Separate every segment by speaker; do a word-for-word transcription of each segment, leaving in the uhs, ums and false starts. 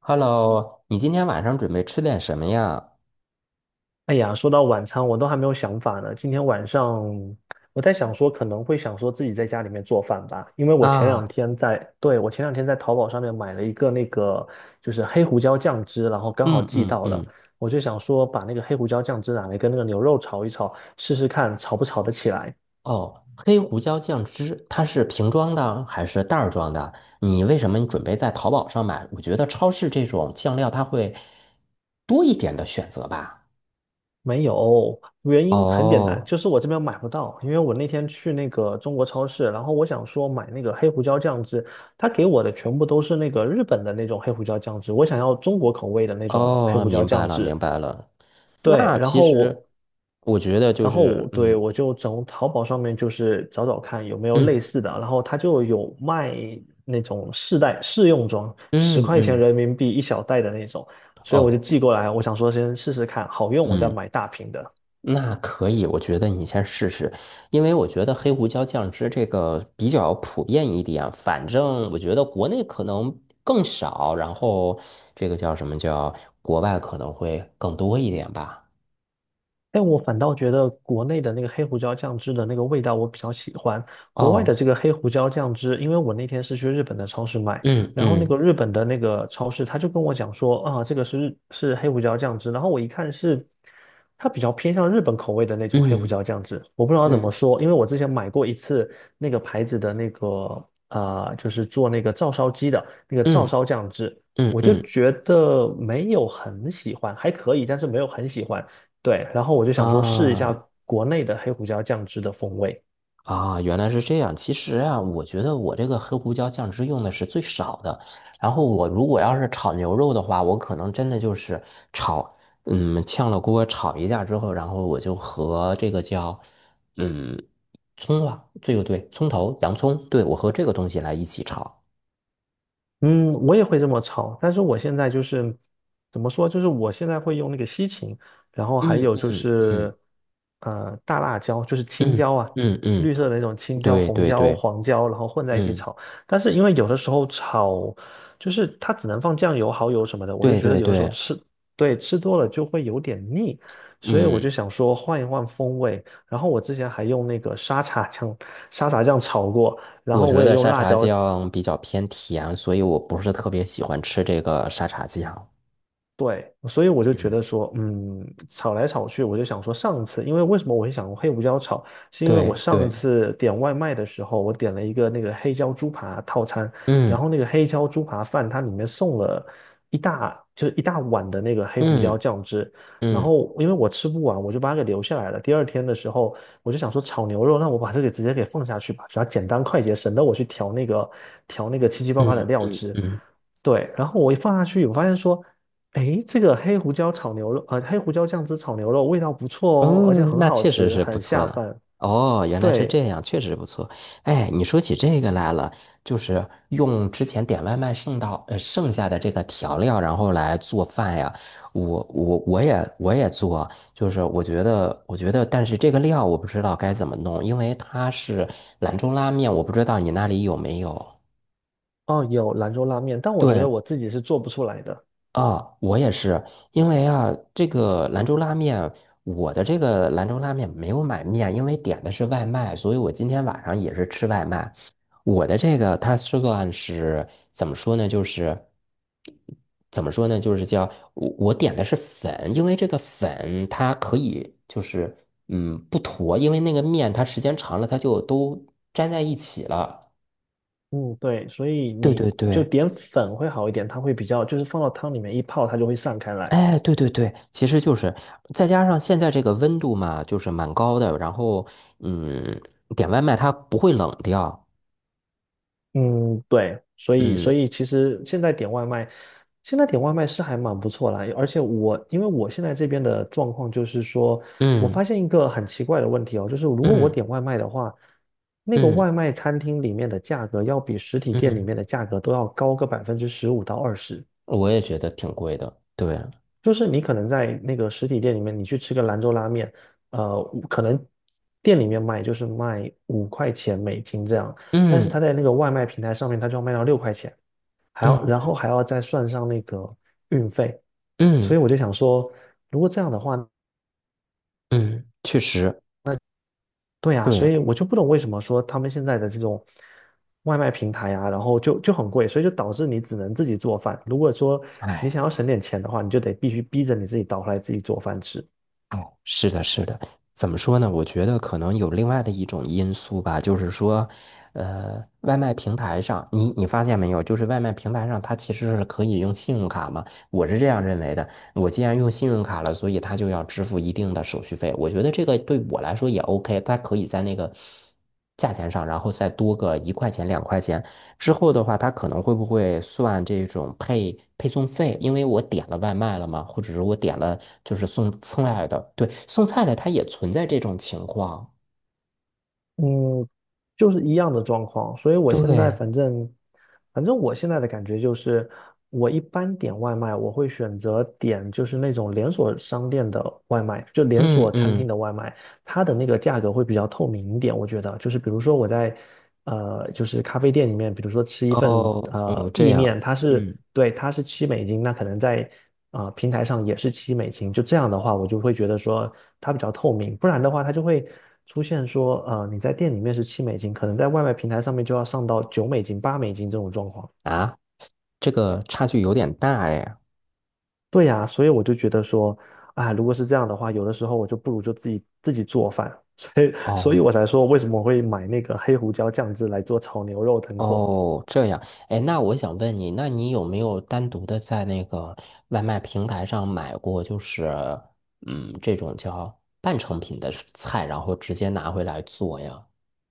Speaker 1: Hello，你今天晚上准备吃点什么呀？
Speaker 2: 哎呀，说到晚餐，我都还没有想法呢。今天晚上我在想说，可能会想说自己在家里面做饭吧，因为我前两
Speaker 1: 啊，
Speaker 2: 天在，对，我前两天在淘宝上面买了一个那个就是黑胡椒酱汁，然后刚好
Speaker 1: 嗯
Speaker 2: 寄
Speaker 1: 嗯
Speaker 2: 到了，
Speaker 1: 嗯，
Speaker 2: 我就想说把那个黑胡椒酱汁拿来跟那个牛肉炒一炒，试试看炒不炒得起来。
Speaker 1: 哦，黑胡椒酱汁，它是瓶装的还是袋儿装的？你为什么你准备在淘宝上买？我觉得超市这种酱料它会多一点的选择吧。
Speaker 2: 没有，原因很简单，
Speaker 1: 哦
Speaker 2: 就是我这边买不到，因为我那天去那个中国超市，然后我想说买那个黑胡椒酱汁，他给我的全部都是那个日本的那种黑胡椒酱汁，我想要中国口味的那种黑
Speaker 1: 哦，
Speaker 2: 胡椒
Speaker 1: 明白
Speaker 2: 酱
Speaker 1: 了
Speaker 2: 汁。
Speaker 1: 明白了。
Speaker 2: 对。
Speaker 1: 那
Speaker 2: 然
Speaker 1: 其
Speaker 2: 后
Speaker 1: 实
Speaker 2: 我，
Speaker 1: 我觉得就
Speaker 2: 然后
Speaker 1: 是，
Speaker 2: 我，对，
Speaker 1: 嗯
Speaker 2: 我就从淘宝上面就是找找看有没有类
Speaker 1: 嗯
Speaker 2: 似的，然后他就有卖那种试袋试用装，十
Speaker 1: 嗯
Speaker 2: 块钱
Speaker 1: 嗯，
Speaker 2: 人民币一小袋的那种，所以我就
Speaker 1: 哦，
Speaker 2: 寄过来，我想说先试试看，好用我再
Speaker 1: 嗯。
Speaker 2: 买大瓶的。
Speaker 1: 那可以，我觉得你先试试，因为我觉得黑胡椒酱汁这个比较普遍一点，反正我觉得国内可能更少，然后这个叫什么叫国外可能会更多一点吧。
Speaker 2: 但我反倒觉得国内的那个黑胡椒酱汁的那个味道我比较喜欢，国外的
Speaker 1: 哦，
Speaker 2: 这个黑胡椒酱汁，因为我那天是去日本的超市买，
Speaker 1: 嗯
Speaker 2: 然后那
Speaker 1: 嗯
Speaker 2: 个日本的那个超市他就跟我讲说，啊，这个是日是黑胡椒酱汁，然后我一看是它比较偏向日本口味的那种黑胡
Speaker 1: 嗯
Speaker 2: 椒酱汁，我不知道怎么
Speaker 1: 嗯
Speaker 2: 说，因为我之前买过一次那个牌子的那个呃，就是做那个照烧鸡的那个照
Speaker 1: 嗯
Speaker 2: 烧酱汁，
Speaker 1: 嗯
Speaker 2: 我就
Speaker 1: 嗯
Speaker 2: 觉得没有很喜欢，还可以，但是没有很喜欢。对，然后我就想说试一下
Speaker 1: 啊。
Speaker 2: 国内的黑胡椒酱汁的风味。
Speaker 1: 啊，原来是这样。其实啊，我觉得我这个黑胡椒酱汁用的是最少的。然后我如果要是炒牛肉的话，我可能真的就是炒，嗯，炝了锅炒一下之后，然后我就和这个叫，嗯，葱啊，这个对，葱头、洋葱，对，我和这个东西来一起炒。
Speaker 2: 嗯，我也会这么炒，但是我现在就是怎么说，就是我现在会用那个西芹，然后还
Speaker 1: 嗯
Speaker 2: 有就
Speaker 1: 嗯嗯
Speaker 2: 是呃大辣椒，就是青椒
Speaker 1: 嗯
Speaker 2: 啊，
Speaker 1: 嗯嗯，
Speaker 2: 绿色的那种青椒、
Speaker 1: 对
Speaker 2: 红
Speaker 1: 对
Speaker 2: 椒、
Speaker 1: 对，
Speaker 2: 黄椒，然后混在一起
Speaker 1: 嗯
Speaker 2: 炒。但是因为有的时候炒，就是它只能放酱油、蚝油什么的，我就
Speaker 1: 对
Speaker 2: 觉得
Speaker 1: 对
Speaker 2: 有的时候
Speaker 1: 对，
Speaker 2: 吃，对，吃多了就会有点腻，所以我就
Speaker 1: 嗯。
Speaker 2: 想说换一换风味。然后我之前还用那个沙茶酱、沙茶酱炒过。然
Speaker 1: 我
Speaker 2: 后我
Speaker 1: 觉
Speaker 2: 也
Speaker 1: 得
Speaker 2: 用
Speaker 1: 沙
Speaker 2: 辣
Speaker 1: 茶
Speaker 2: 椒。
Speaker 1: 酱比较偏甜，所以我不是特别喜欢吃这个沙茶酱。
Speaker 2: 对，所以我就觉
Speaker 1: 嗯，
Speaker 2: 得说，嗯，炒来炒去，我就想说，上次，因为为什么我会想黑胡椒炒，是因为我
Speaker 1: 对
Speaker 2: 上
Speaker 1: 对，
Speaker 2: 次点外卖的时候，我点了一个那个黑椒猪扒套餐，然
Speaker 1: 嗯
Speaker 2: 后那个黑椒猪扒饭它里面送了一大，就是一大碗的那个黑胡椒
Speaker 1: 嗯
Speaker 2: 酱汁，然
Speaker 1: 嗯
Speaker 2: 后因为我吃不完，我就把它给留下来了。第二天的时候，我就想说炒牛肉，那我把这个直接给放下去吧，只要简单快捷，省得我去调那个调那个七七八八的
Speaker 1: 嗯
Speaker 2: 料
Speaker 1: 嗯
Speaker 2: 汁。
Speaker 1: 嗯嗯。
Speaker 2: 对，然后我一放下去，我发现说，诶，这个黑胡椒炒牛肉，呃，黑胡椒酱汁炒牛肉味道不错哦，而且
Speaker 1: 嗯，
Speaker 2: 很
Speaker 1: 那
Speaker 2: 好
Speaker 1: 确实
Speaker 2: 吃，
Speaker 1: 是不
Speaker 2: 很
Speaker 1: 错
Speaker 2: 下
Speaker 1: 的。
Speaker 2: 饭。
Speaker 1: 哦，原来是
Speaker 2: 对。
Speaker 1: 这样，确实不错。哎，你说起这个来了，就是用之前点外卖剩到呃剩下的这个调料，然后来做饭呀。我我我也我也做，就是我觉得我觉得，但是这个料我不知道该怎么弄，因为它是兰州拉面，我不知道你那里有没有。
Speaker 2: 哦，有兰州拉面，但我觉
Speaker 1: 对，
Speaker 2: 得我自己是做不出来的。
Speaker 1: 啊，我也是，因为啊，这个兰州拉面，我的这个兰州拉面没有买面，因为点的是外卖，所以我今天晚上也是吃外卖。我的这个它是算是怎么说呢？就是怎么说呢？就是叫我我点的是粉，因为这个粉它可以就是嗯不坨，因为那个面它时间长了它就都粘在一起了。
Speaker 2: 嗯，对，所以
Speaker 1: 对
Speaker 2: 你
Speaker 1: 对
Speaker 2: 就
Speaker 1: 对。
Speaker 2: 点粉会好一点，它会比较，就是放到汤里面一泡，它就会散开来。
Speaker 1: 哎，对对对，其实就是再加上现在这个温度嘛，就是蛮高的，然后嗯，点外卖它不会冷掉，
Speaker 2: 嗯，对，所以
Speaker 1: 嗯
Speaker 2: 所以其实现在点外卖，现在点外卖是还蛮不错啦。而且我因为我现在这边的状况就是说，我发
Speaker 1: 嗯
Speaker 2: 现一个很奇怪的问题哦，就是如果我
Speaker 1: 嗯
Speaker 2: 点外卖的话，那个
Speaker 1: 嗯
Speaker 2: 外卖餐厅里面的价格要比实体店里
Speaker 1: 嗯，
Speaker 2: 面的价格都要高个百分之十五到二十。
Speaker 1: 我也觉得挺贵的，对，
Speaker 2: 就是你可能在那个实体店里面，你去吃个兰州拉面，呃，可能店里面卖就是卖五块钱美金这样，但是
Speaker 1: 嗯
Speaker 2: 他在那个外卖平台上面，他就要卖到六块钱。还要然
Speaker 1: 嗯
Speaker 2: 后还要再算上那个运费，所以
Speaker 1: 嗯
Speaker 2: 我就想说，如果这样的话，
Speaker 1: 嗯，确实，
Speaker 2: 对啊，所
Speaker 1: 对，
Speaker 2: 以我就不懂为什么说他们现在的这种外卖平台啊，然后就就很贵，所以就导致你只能自己做饭。如果说你
Speaker 1: 哎。
Speaker 2: 想要省点钱的话，你就得必须逼着你自己倒出来自己做饭吃。
Speaker 1: 哦，是的，是的，怎么说呢？我觉得可能有另外的一种因素吧，就是说，呃，外卖平台上，你你发现没有，就是外卖平台上它其实是可以用信用卡嘛，我是这样认为的。我既然用信用卡了，所以他就要支付一定的手续费。我觉得这个对我来说也 OK，他可以在那个价钱上，然后再多个一块钱、两块钱。之后的话，他可能会不会算这种配配送费？因为我点了外卖了嘛，或者是我点了就是送菜的，对，送菜的他也存在这种情况。
Speaker 2: 嗯，就是一样的状况，所以我现在
Speaker 1: 对，
Speaker 2: 反正，反正我现在的感觉就是，我一般点外卖，我会选择点就是那种连锁商店的外卖，就连
Speaker 1: 嗯
Speaker 2: 锁餐厅
Speaker 1: 嗯，
Speaker 2: 的外卖，它的那个价格会比较透明一点，我觉得就是比如说我在呃就是咖啡店里面，比如说吃一份
Speaker 1: 哦哦，
Speaker 2: 呃
Speaker 1: 这
Speaker 2: 意
Speaker 1: 样，
Speaker 2: 面，它
Speaker 1: 嗯
Speaker 2: 是对它是七美金，那可能在啊、呃平台上也是七美金，就这样的话，我就会觉得说它比较透明，不然的话它就会出现说呃你在店里面是七美金，可能在外卖平台上面就要上到九美金、八美金这种状况。
Speaker 1: 啊，这个差距有点大哎。
Speaker 2: 对呀，所以我就觉得说，啊，如果是这样的话，有的时候我就不如就自己自己做饭，所以所以
Speaker 1: 哦。
Speaker 2: 我才说为什么我会买那个黑胡椒酱汁来做炒牛肉等火。
Speaker 1: 哦，这样，哎，那我想问你，那你有没有单独的在那个外卖平台上买过，就是嗯，这种叫半成品的菜，然后直接拿回来做呀？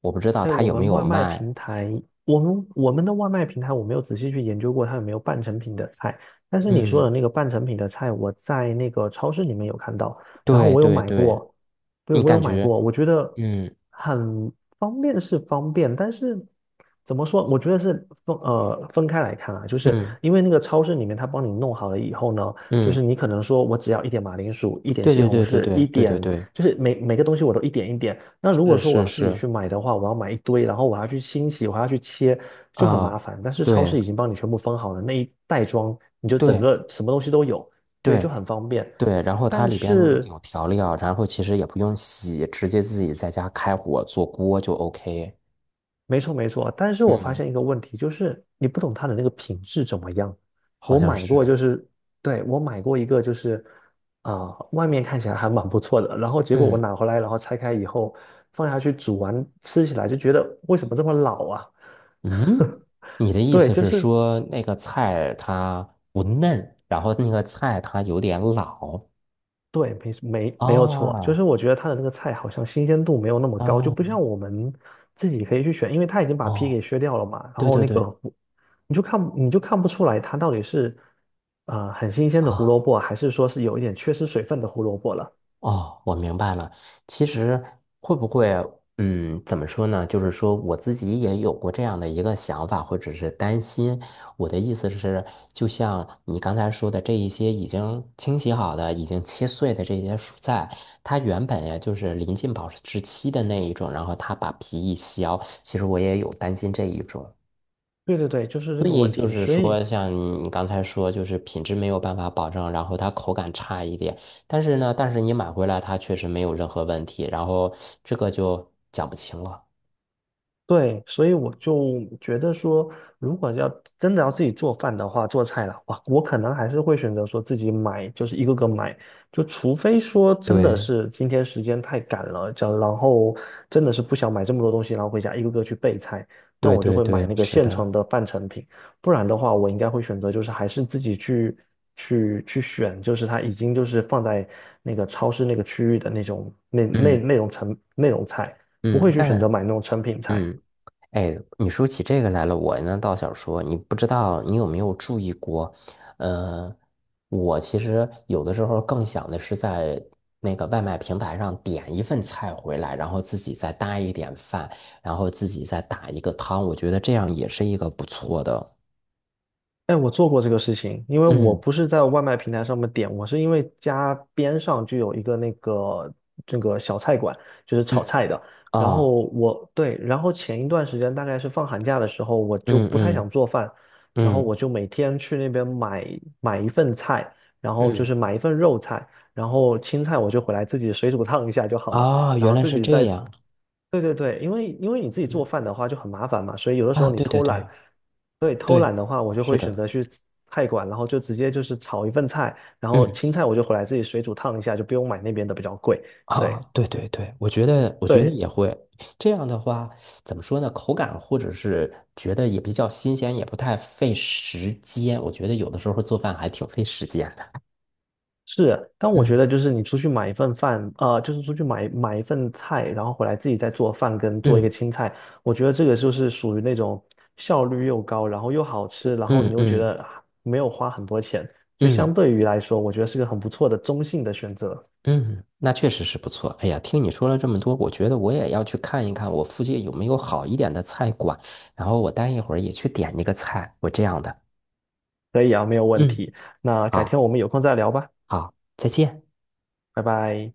Speaker 1: 我不知道
Speaker 2: 哎，
Speaker 1: 他
Speaker 2: 我
Speaker 1: 有没
Speaker 2: 们
Speaker 1: 有
Speaker 2: 外卖平
Speaker 1: 卖。
Speaker 2: 台，我们我们的外卖平台，我没有仔细去研究过它有没有半成品的菜，但是你说的
Speaker 1: 嗯，
Speaker 2: 那个半成品的菜，我在那个超市里面有看到，然后
Speaker 1: 对
Speaker 2: 我有
Speaker 1: 对
Speaker 2: 买
Speaker 1: 对，
Speaker 2: 过，对，
Speaker 1: 你
Speaker 2: 我有
Speaker 1: 感
Speaker 2: 买
Speaker 1: 觉，
Speaker 2: 过，我觉得
Speaker 1: 嗯
Speaker 2: 很方便是方便，但是怎么说？我觉得是分呃分开来看啊，就是
Speaker 1: 嗯
Speaker 2: 因为那个超市里面他帮你弄好了以后呢，就是
Speaker 1: 嗯，
Speaker 2: 你可能说我只要一点马铃薯，一点
Speaker 1: 对
Speaker 2: 西
Speaker 1: 对
Speaker 2: 红
Speaker 1: 对对
Speaker 2: 柿，一
Speaker 1: 对对对
Speaker 2: 点
Speaker 1: 对，
Speaker 2: 就是每每个东西我都一点一点。那如果
Speaker 1: 是
Speaker 2: 说我
Speaker 1: 是
Speaker 2: 要自己去
Speaker 1: 是，
Speaker 2: 买的话，我要买一堆，然后我还要去清洗，我还要去切，就很麻
Speaker 1: 啊、
Speaker 2: 烦。但是超
Speaker 1: 对
Speaker 2: 市已经帮你全部分好了，那一袋装你就整
Speaker 1: 对
Speaker 2: 个什么东西都有，对，就
Speaker 1: 对，
Speaker 2: 很方便。
Speaker 1: 对，然后它
Speaker 2: 但
Speaker 1: 里边
Speaker 2: 是。
Speaker 1: 有调料，然后其实也不用洗，直接自己在家开火做锅就 OK。
Speaker 2: 没错没错，但是我发
Speaker 1: 嗯，
Speaker 2: 现一个问题，就是你不懂它的那个品质怎么样。
Speaker 1: 好
Speaker 2: 我
Speaker 1: 像
Speaker 2: 买过，就
Speaker 1: 是。
Speaker 2: 是对我买过一个，就是啊、外面看起来还蛮不错的，然后结果我
Speaker 1: 嗯
Speaker 2: 拿回来，然后拆开以后放下去煮完，吃起来就觉得为什么这么老啊？
Speaker 1: 嗯，你的 意
Speaker 2: 对，
Speaker 1: 思
Speaker 2: 就
Speaker 1: 是
Speaker 2: 是
Speaker 1: 说那个菜它不嫩，然后那个菜它有点老？
Speaker 2: 对，没没没有错，就
Speaker 1: 哦
Speaker 2: 是我觉得它的那个菜好像新鲜度没有那么高，就
Speaker 1: 哦
Speaker 2: 不像我们自己可以去选，因为它已经把皮
Speaker 1: 哦，
Speaker 2: 给削掉了嘛，然
Speaker 1: 对
Speaker 2: 后
Speaker 1: 对
Speaker 2: 那个
Speaker 1: 对
Speaker 2: 胡你就看你就看不出来它到底是呃很新鲜的胡
Speaker 1: 啊。
Speaker 2: 萝卜，还是说是有一点缺失水分的胡萝卜了。
Speaker 1: 哦，我明白了。其实会不会，嗯，怎么说呢？就是说我自己也有过这样的一个想法，或者是担心。我的意思是，就像你刚才说的，这一些已经清洗好的、已经切碎的这些蔬菜，它原本呀就是临近保质期的那一种，然后它把皮一削，其实我也有担心这一种。
Speaker 2: 对对对，就是这
Speaker 1: 所
Speaker 2: 个
Speaker 1: 以
Speaker 2: 问
Speaker 1: 就
Speaker 2: 题，
Speaker 1: 是
Speaker 2: 所
Speaker 1: 说，
Speaker 2: 以。
Speaker 1: 像你刚才说，就是品质没有办法保证，然后它口感差一点，但是呢，但是你买回来它确实没有任何问题，然后这个就讲不清了。
Speaker 2: 对，所以我就觉得说，如果要真的要自己做饭的话，做菜了，哇，我可能还是会选择说自己买，就是一个个买，就除非说真的
Speaker 1: 对
Speaker 2: 是今天时间太赶了，这样然后真的是不想买这么多东西，然后回家一个个去备菜，那
Speaker 1: 对
Speaker 2: 我就
Speaker 1: 对
Speaker 2: 会买
Speaker 1: 对，
Speaker 2: 那个
Speaker 1: 是
Speaker 2: 现
Speaker 1: 的，
Speaker 2: 成的半成品，不然的话，我应该会选择就是还是自己去去去选，就是它已经就是放在那个超市那个区域的那种那那
Speaker 1: 嗯
Speaker 2: 那种成那种菜，不
Speaker 1: 嗯，
Speaker 2: 会去选择
Speaker 1: 但
Speaker 2: 买那种成品菜。
Speaker 1: 嗯。哎，你说起这个来了，我呢倒想说，你不知道你有没有注意过？呃，我其实有的时候更想的是在那个外卖平台上点一份菜回来，然后自己再搭一点饭，然后自己再打一个汤，我觉得这样也是一个不错的。
Speaker 2: 哎，我做过这个事情，因为我
Speaker 1: 嗯
Speaker 2: 不是在外卖平台上面点，我是因为家边上就有一个那个这个小菜馆，就是炒
Speaker 1: 嗯
Speaker 2: 菜的。然
Speaker 1: 哦，
Speaker 2: 后我对，然后前一段时间大概是放寒假的时候，我就
Speaker 1: 嗯
Speaker 2: 不太
Speaker 1: 嗯
Speaker 2: 想做饭，然后
Speaker 1: 嗯，
Speaker 2: 我就每天去那边买买一份菜，然后就
Speaker 1: 嗯
Speaker 2: 是买一份肉菜，然后青菜我就回来自己水煮烫一下就好了，
Speaker 1: 哦，
Speaker 2: 然
Speaker 1: 原
Speaker 2: 后
Speaker 1: 来
Speaker 2: 自
Speaker 1: 是
Speaker 2: 己
Speaker 1: 这
Speaker 2: 再
Speaker 1: 样
Speaker 2: 对对对，因为因为你自己做
Speaker 1: 嗯
Speaker 2: 饭的话就很麻烦嘛，所以有的时
Speaker 1: 啊！
Speaker 2: 候你
Speaker 1: 对对
Speaker 2: 偷懒，
Speaker 1: 对
Speaker 2: 对，偷懒
Speaker 1: 对，
Speaker 2: 的话，我就
Speaker 1: 是
Speaker 2: 会选
Speaker 1: 的。
Speaker 2: 择去菜馆，然后就直接就是炒一份菜，然后
Speaker 1: 嗯。
Speaker 2: 青菜我就回来自己水煮烫一下，就不用买那边的比较贵。
Speaker 1: 啊，
Speaker 2: 对
Speaker 1: 对对对，我觉得，我觉得
Speaker 2: 对，
Speaker 1: 也会这样的话，怎么说呢？口感或者是觉得也比较新鲜，也不太费时间。我觉得有的时候做饭还挺费时间的。
Speaker 2: 是，但我觉
Speaker 1: 嗯
Speaker 2: 得就是你出去买一份饭，呃，就是出去买买一份菜，然后回来自己再做饭跟做一个
Speaker 1: 嗯
Speaker 2: 青菜，我觉得这个就是属于那种效率又高，然后又好吃，然后你
Speaker 1: 嗯
Speaker 2: 又觉
Speaker 1: 嗯
Speaker 2: 得啊没有花很多钱，就相
Speaker 1: 嗯
Speaker 2: 对于来说，我觉得是个很不错的中性的选择。
Speaker 1: 嗯，那确实是不错。哎呀，听你说了这么多，我觉得我也要去看一看我附近有没有好一点的菜馆，然后我待一会儿也去点一个菜，我这样的。
Speaker 2: 可以啊，没有问
Speaker 1: 嗯，
Speaker 2: 题。那改
Speaker 1: 好，
Speaker 2: 天我们有空再聊吧，
Speaker 1: 好，再见。
Speaker 2: 拜拜。